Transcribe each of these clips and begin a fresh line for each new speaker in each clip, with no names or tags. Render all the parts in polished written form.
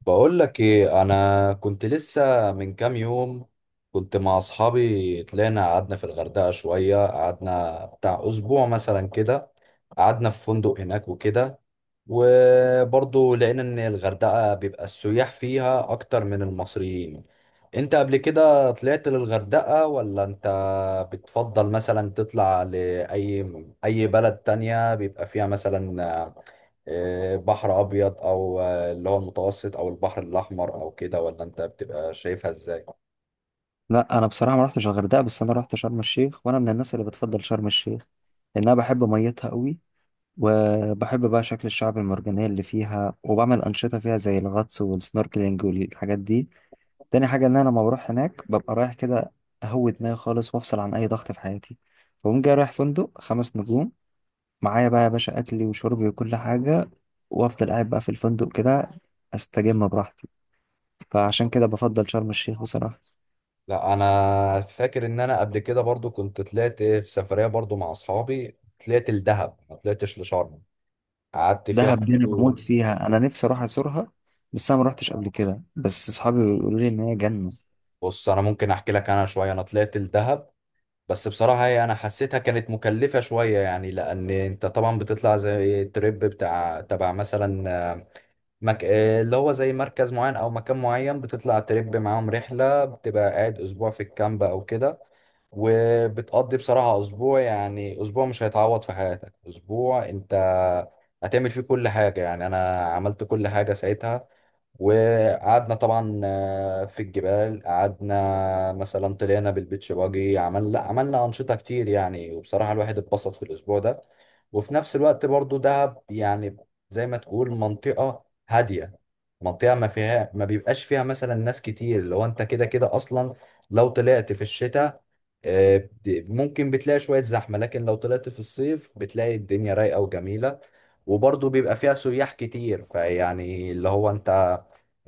بقول لك ايه، انا كنت لسه من كام يوم كنت مع اصحابي. طلعنا قعدنا في الغردقة شوية، قعدنا بتاع اسبوع مثلا كده. قعدنا في فندق هناك وكده. وبرضه لقينا ان الغردقة بيبقى السياح فيها اكتر من المصريين. انت قبل كده طلعت للغردقة ولا انت بتفضل مثلا تطلع لأي اي بلد تانية بيبقى فيها مثلا بحر ابيض او اللي هو المتوسط، او البحر الاحمر او كده، ولا انت بتبقى شايفها ازاي؟
لا، انا بصراحه ما رحتش الغردقه، بس انا رحت شرم الشيخ، وانا من الناس اللي بتفضل شرم الشيخ. لان انا بحب ميتها قوي، وبحب بقى شكل الشعب المرجانيه اللي فيها، وبعمل انشطه فيها زي الغطس والسنوركلينج والحاجات دي. تاني حاجه ان انا لما بروح هناك ببقى رايح كده اهوي دماغي خالص، وافصل عن اي ضغط في حياتي. فبقوم جاي رايح فندق 5 نجوم، معايا بقى يا باشا اكلي وشربي وكل حاجه، وافضل قاعد بقى في الفندق كده، استجم براحتي. فعشان كده بفضل شرم الشيخ بصراحه.
لا، انا فاكر ان انا قبل كده برضو كنت طلعت في سفرية برضو مع اصحابي. طلعت الدهب ما طلعتش لشرم، قعدت فيها
دهب دي انا بموت
برضو.
فيها، انا نفسي اروح ازورها، بس انا ما روحتش قبل كده، بس اصحابي بيقولوا لي ان هي جنه.
بص، انا ممكن احكي لك انا شويه. انا طلعت الدهب بس بصراحه هي انا حسيتها كانت مكلفه شويه، يعني لان انت طبعا بتطلع زي تريب بتاع تبع مثلا آه، مك... آه، اللي هو زي مركز معين او مكان معين، بتطلع تريب معاهم رحله، بتبقى قاعد اسبوع في الكامب او كده. وبتقضي بصراحه اسبوع، يعني اسبوع مش هيتعوض في حياتك. اسبوع انت هتعمل فيه كل حاجه، يعني انا عملت كل حاجه ساعتها. وقعدنا طبعا في الجبال، قعدنا مثلا طلعنا بالبيتش باجي، عملنا أنشطة كتير يعني. وبصراحة الواحد اتبسط في الأسبوع ده. وفي نفس الوقت برضو دهب، يعني زي ما تقول منطقة هادية، منطقة ما فيها ما بيبقاش فيها مثلا ناس كتير. لو انت كده كده أصلا لو طلعت في الشتاء، ممكن بتلاقي شوية زحمة. لكن لو طلعت في الصيف بتلاقي الدنيا رايقة وجميلة، وبرضه بيبقى فيها سياح كتير. فيعني اللي هو انت،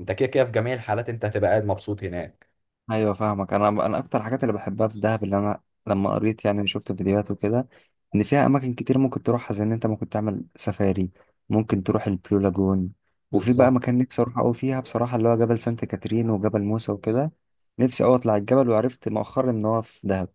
انت كده كده في جميع الحالات انت هتبقى قاعد مبسوط هناك.
ايوه فاهمك، انا اكتر الحاجات اللي بحبها في دهب اللي انا لما قريت، يعني شفت فيديوهات وكده، ان فيها اماكن كتير ممكن تروحها، زي ان انت ممكن تعمل سفاري، ممكن تروح البلو لاجون، وفي بقى
بالظبط.
مكان نفسي اروح قوي فيها بصراحه، اللي هو جبل سانت كاترين وجبل موسى وكده. نفسي اوي اطلع الجبل، وعرفت مؤخرا ان هو في دهب.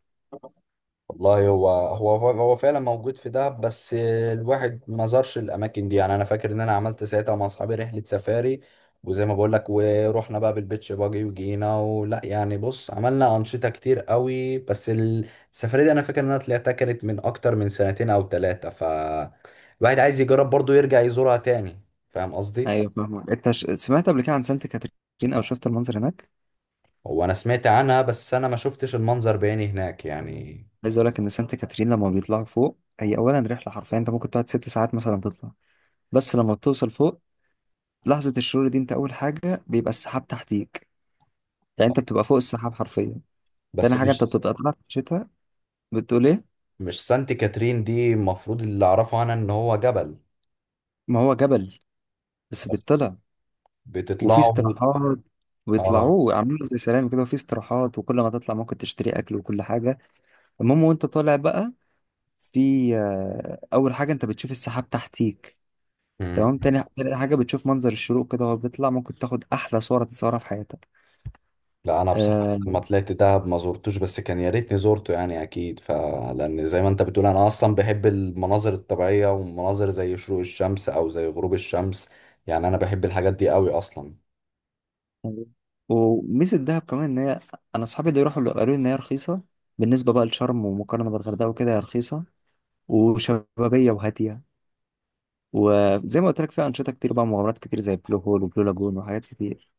والله هو هو فعلا موجود في دهب، بس الواحد ما زارش الاماكن دي. يعني انا فاكر ان انا عملت ساعتها مع اصحابي رحله سفاري، وزي ما بقول لك ورحنا بقى بالبيتش باجي وجينا ولا يعني. بص، عملنا انشطه كتير قوي، بس السفاري دي انا فاكر ان انا طلعتها كانت من اكتر من سنتين او ثلاثه، ف الواحد عايز يجرب برضه يرجع يزورها تاني. فاهم قصدي؟
ايوه فاهمك، انت سمعت قبل كده عن سانت كاترين، او شفت المنظر هناك؟
هو انا سمعت عنها، بس انا ما شفتش المنظر بعيني هناك يعني.
عايز اقول لك ان سانت كاترين لما بيطلعوا فوق هي اولا رحله، حرفيا انت ممكن تقعد 6 ساعات مثلا تطلع. بس لما بتوصل فوق، لحظه الشروق دي، انت اول حاجه بيبقى السحاب تحتيك، يعني انت بتبقى فوق السحاب حرفيا. تاني
بس
حاجه، انت
مش
بتبقى طالع في الشتاء. بتقول ايه؟
مش سانت كاترين دي المفروض اللي اعرفه عنها ان هو جبل؟
ما هو جبل، بس
بت-
بيطلع وفي
بتطلعوا؟
استراحات.
اه.
بيطلعوه عاملينه زي سلام كده، وفي استراحات، وكل ما تطلع ممكن تشتري اكل وكل حاجه. المهم، وانت طالع بقى، في اول حاجه انت بتشوف السحاب تحتيك. تمام.
مم.
تاني حاجة بتشوف منظر الشروق كده وهو بيطلع، ممكن تاخد أحلى صورة تتصورها في حياتك.
لا، انا
آه.
بصراحه لما طلعت دهب ما زرتوش، بس كان يا ريتني زورته، يعني اكيد فلان زي ما انت بتقول انا اصلا بحب المناظر الطبيعيه، ومناظر زي شروق الشمس او زي غروب الشمس. يعني انا بحب الحاجات دي قوي اصلا.
وميزة دهب كمان إن هي، أنا أصحابي اللي يروحوا اللي قالوا لي إن هي رخيصة، بالنسبة بقى لشرم ومقارنة بالغردقة وكده هي رخيصة وشبابية وهادية. وزي ما قلت لك، فيها أنشطة كتير بقى، مغامرات كتير، زي بلو هول وبلو لاجون وحاجات كتير.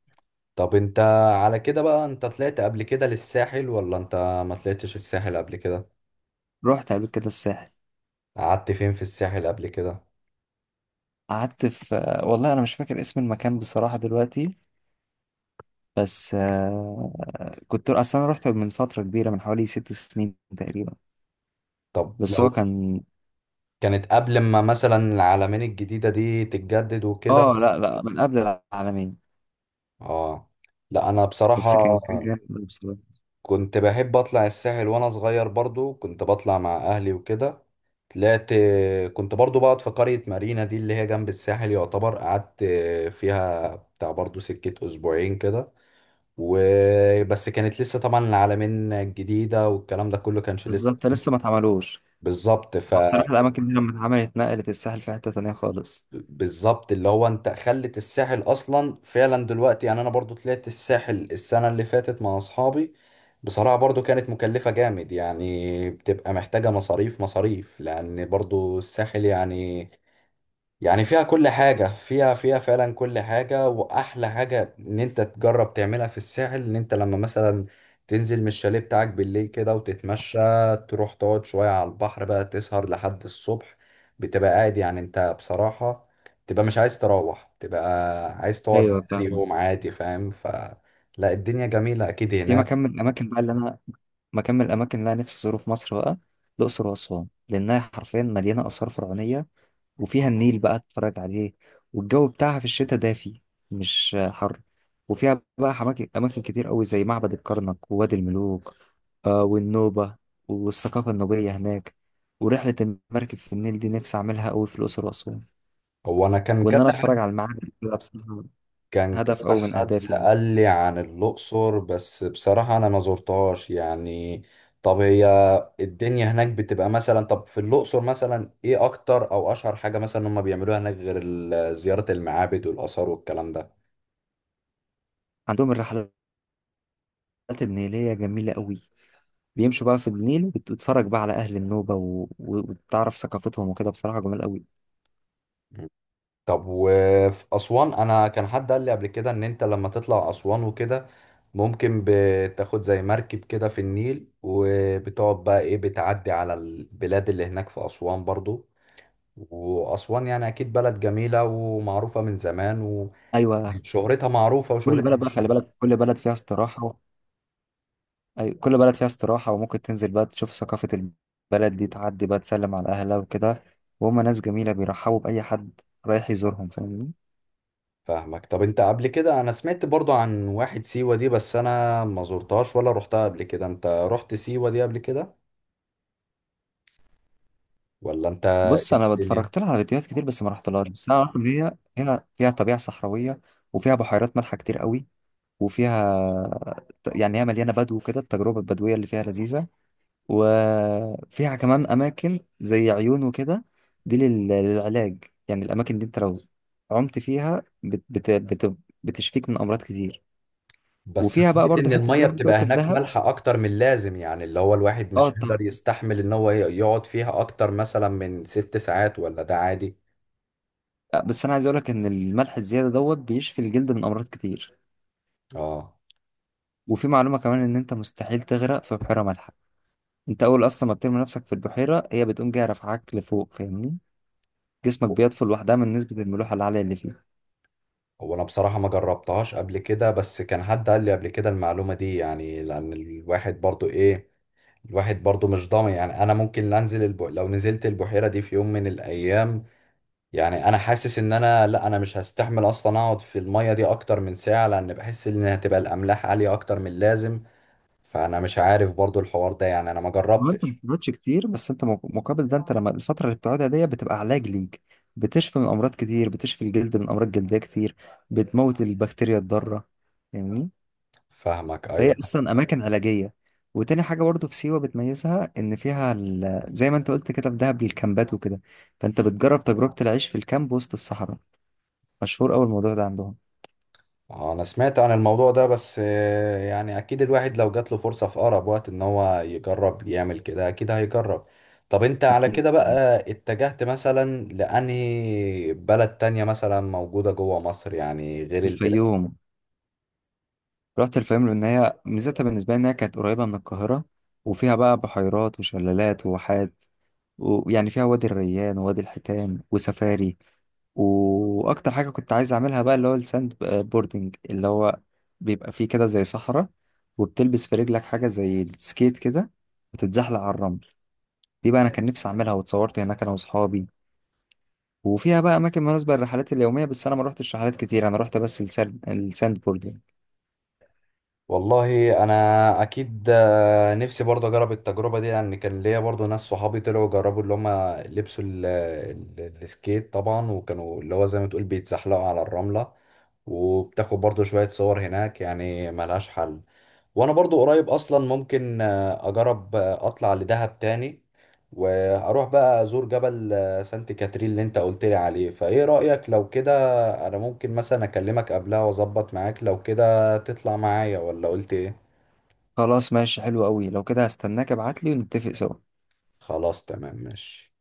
طب انت على كده بقى، انت طلعت قبل كده للساحل ولا انت ما طلعتش الساحل قبل كده؟
رحت قبل كده الساحل.
قعدت فين في الساحل قبل كده؟
قعدت في والله أنا مش فاكر اسم المكان بصراحة دلوقتي، بس آه، كنت أصلا أنا رحت من فترة كبيرة، من حوالي 6 سنين تقريبا.
طب
بس
لو
هو كان،
كانت قبل ما مثلا العلمين الجديدة دي تتجدد وكده.
اه لا لا، من قبل العالمين.
اه. لا، انا
بس كان
بصراحة
كان جامد أوي بصراحة.
كنت بحب اطلع الساحل وانا صغير، برضو كنت بطلع مع اهلي وكده. طلعت، كنت برضو بقعد في قرية مارينا دي اللي هي جنب الساحل يعتبر. قعدت فيها بتاع برضو سكة اسبوعين كده. وبس كانت لسه طبعا العلمين الجديدة والكلام ده كله كانش لسه.
بالظبط، لسه ما اتعملوش.
بالظبط ف
هو بصراحة الأماكن دي لما اتعملت نقلت الساحل في حتة تانية خالص.
بالظبط، اللي هو انت خلت الساحل اصلا فعلا دلوقتي. يعني انا برضو طلعت الساحل السنة اللي فاتت مع اصحابي، بصراحة برضو كانت مكلفة جامد. يعني بتبقى محتاجة مصاريف مصاريف، لان برضو الساحل يعني، يعني فيها كل حاجة، فيها فعلا كل حاجة. وأحلى حاجة إن أنت تجرب تعملها في الساحل إن أنت لما مثلا تنزل من الشاليه بتاعك بالليل كده وتتمشى، تروح تقعد شوية على البحر بقى، تسهر لحد الصبح. بتبقى قاعد، يعني أنت بصراحة تبقى مش عايز تروح، تبقى عايز تقعد
ايوه
تاني
فاهم.
يوم عادي. فاهم؟ فلا، الدنيا جميلة أكيد
في
هناك.
مكان من الأماكن بقى اللي أنا مكان من الأماكن اللي أنا نفسي أزوره في مصر بقى، الأقصر وأسوان، لأنها حرفيا مليانة آثار فرعونية، وفيها النيل بقى تتفرج عليه، والجو بتاعها في الشتاء دافي مش حر. وفيها بقى أماكن كتير قوي، زي معبد الكرنك ووادي الملوك، آه والنوبة والثقافة النوبية هناك. ورحلة المركب في النيل دي نفسي أعملها قوي في الأقصر وأسوان،
هو أنا كان
وإن أنا
كذا
أتفرج على المعابد، ده بصراحة
كان
هدف
كذا
قوي من
حد
أهدافي دي.
قال لي عن الأقصر، بس بصراحة أنا ما زرتهاش يعني. طب هي الدنيا هناك بتبقى مثلا، طب في الأقصر مثلا إيه أكتر أو أشهر حاجة مثلا هم بيعملوها هناك غير زيارة المعابد والآثار والكلام ده؟
عندهم الرحلات النيلية جميلة قوي، بيمشوا بقى في النيل وتتفرج بقى على أهل النوبة وتعرف ثقافتهم وكده، بصراحة جميل قوي.
مم. طب وفي أسوان، أنا كان حد قال لي قبل كده إن أنت لما تطلع أسوان وكده ممكن بتاخد زي مركب كده في النيل وبتقعد بقى إيه، بتعدي على البلاد اللي هناك في أسوان برضو. وأسوان يعني أكيد بلد جميلة ومعروفة من زمان،
أيوه،
وشهرتها معروفة
كل
وشهرتها
بلد بقى خلي
كبيرة.
بالك، كل بلد فيها استراحة. أيوة، كل بلد فيها استراحة، وممكن تنزل بقى تشوف ثقافة البلد دي، تعدي بقى تسلم على أهلها وكده. وهم ناس جميلة بيرحبوا بأي حد رايح يزورهم، فاهمني.
فاهمك. طب أنت قبل كده، أنا سمعت برضو عن واحد سيوة دي، بس أنا ما زرتهاش ولا رحتها قبل كده. أنت رحت سيوة دي قبل كده ولا أنت؟
بص
إيه
أنا
الدنيا؟
اتفرجت لها على فيديوهات كتير، بس ما رحتلهاش، بس أنا أعرف إن هي هنا فيها طبيعة صحراوية، وفيها بحيرات مالحة كتير قوي، وفيها، يعني هي مليانة بدو كده، التجربة البدوية اللي فيها لذيذة. وفيها كمان أماكن زي عيون وكده، دي للعلاج، يعني الأماكن دي أنت لو عمت فيها بتشفيك من أمراض كتير.
بس
وفيها بقى
سمعت
برضو
إن
حته
المية
زي ما انت
بتبقى
قلت في
هناك
دهب.
مالحة أكتر من اللازم، يعني اللي هو الواحد
اه
مش هيقدر
طبعا،
يستحمل إن هو يقعد فيها أكتر مثلا من 6 ساعات ولا ده عادي؟
بس انا عايز اقول لك ان الملح الزياده دوت بيشفي الجلد من امراض كتير.
آه.
وفي معلومه كمان، ان انت مستحيل تغرق في بحيره مالحه. انت اول اصلا ما بترمي نفسك في البحيره هي بتقوم جايه رافعاك لفوق، فاهمني؟ جسمك بيطفو لوحدها من نسبه الملوحه العاليه اللي فيه.
هو انا بصراحة ما جربتهاش قبل كده، بس كان حد قال لي قبل كده المعلومة دي يعني، لان الواحد برضو ايه، الواحد برضو مش ضامن. يعني انا ممكن لا، انزل لو نزلت البحيرة دي في يوم من الايام، يعني انا حاسس ان انا لا، انا مش هستحمل اصلا اقعد في المية دي اكتر من ساعة، لان بحس ان هتبقى الاملاح عالية اكتر من اللازم. فانا مش عارف برضو الحوار ده، يعني انا ما
ما انت ما
جربتش.
بتقعدش كتير، بس انت مقابل ده، انت لما الفتره اللي بتقعدها دي بتبقى علاج ليك، بتشفي من امراض كتير، بتشفي الجلد من امراض جلديه كتير، بتموت البكتيريا الضاره، فاهمني.
فاهمك.
فهي
ايوه.
اصلا اماكن علاجيه. وتاني حاجه برضو في سيوه بتميزها، ان فيها زي ما انت قلت كده في دهب الكامبات وكده، فانت بتجرب تجربه العيش في الكامب وسط الصحراء. مشهور قوي الموضوع ده عندهم.
انا سمعت عن الموضوع ده، بس يعني اكيد الواحد لو جات له فرصة في اقرب وقت ان هو يجرب يعمل كده اكيد هيجرب. طب انت على
اكيد
كده بقى اتجهت مثلا لانهي بلد تانية مثلا موجودة جوه مصر، يعني غير البلاد؟
الفيوم. رحت الفيوم لان هي ميزتها بالنسبه لي انها كانت قريبه من القاهره، وفيها بقى بحيرات وشلالات وواحات، ويعني فيها وادي الريان ووادي الحيتان وسفاري. واكتر حاجه كنت عايز اعملها بقى اللي هو الساند بوردنج، اللي هو بيبقى فيه كده زي صحراء، وبتلبس في رجلك حاجه زي السكيت كده وتتزحلق على الرمل. دي بقى انا كان نفسي اعملها، واتصورت هناك انا واصحابي. وفيها بقى اماكن مناسبه للرحلات اليوميه، بس انا ما روحتش رحلات كتير، انا روحت بس الساند بوردنج.
والله انا اكيد، نفسي برضه اجرب التجربه دي، لان كان ليا برضه ناس صحابي طلعوا جربوا اللي هم لبسوا السكيت طبعا، وكانوا اللي هو زي ما تقول بيتزحلقوا على الرمله. وبتاخد برضه شويه صور هناك، يعني ملهاش حل. وانا برضه قريب اصلا ممكن اجرب اطلع لدهب تاني، واروح بقى ازور جبل سانت كاترين اللي انت قلت لي عليه. فايه رايك لو كده؟ انا ممكن مثلا اكلمك قبلها واظبط معاك لو كده. هتطلع معايا ولا قلت ايه؟
خلاص ماشي، حلو قوي لو كده، هستناك ابعتلي ونتفق سوا.
خلاص تمام، ماشي.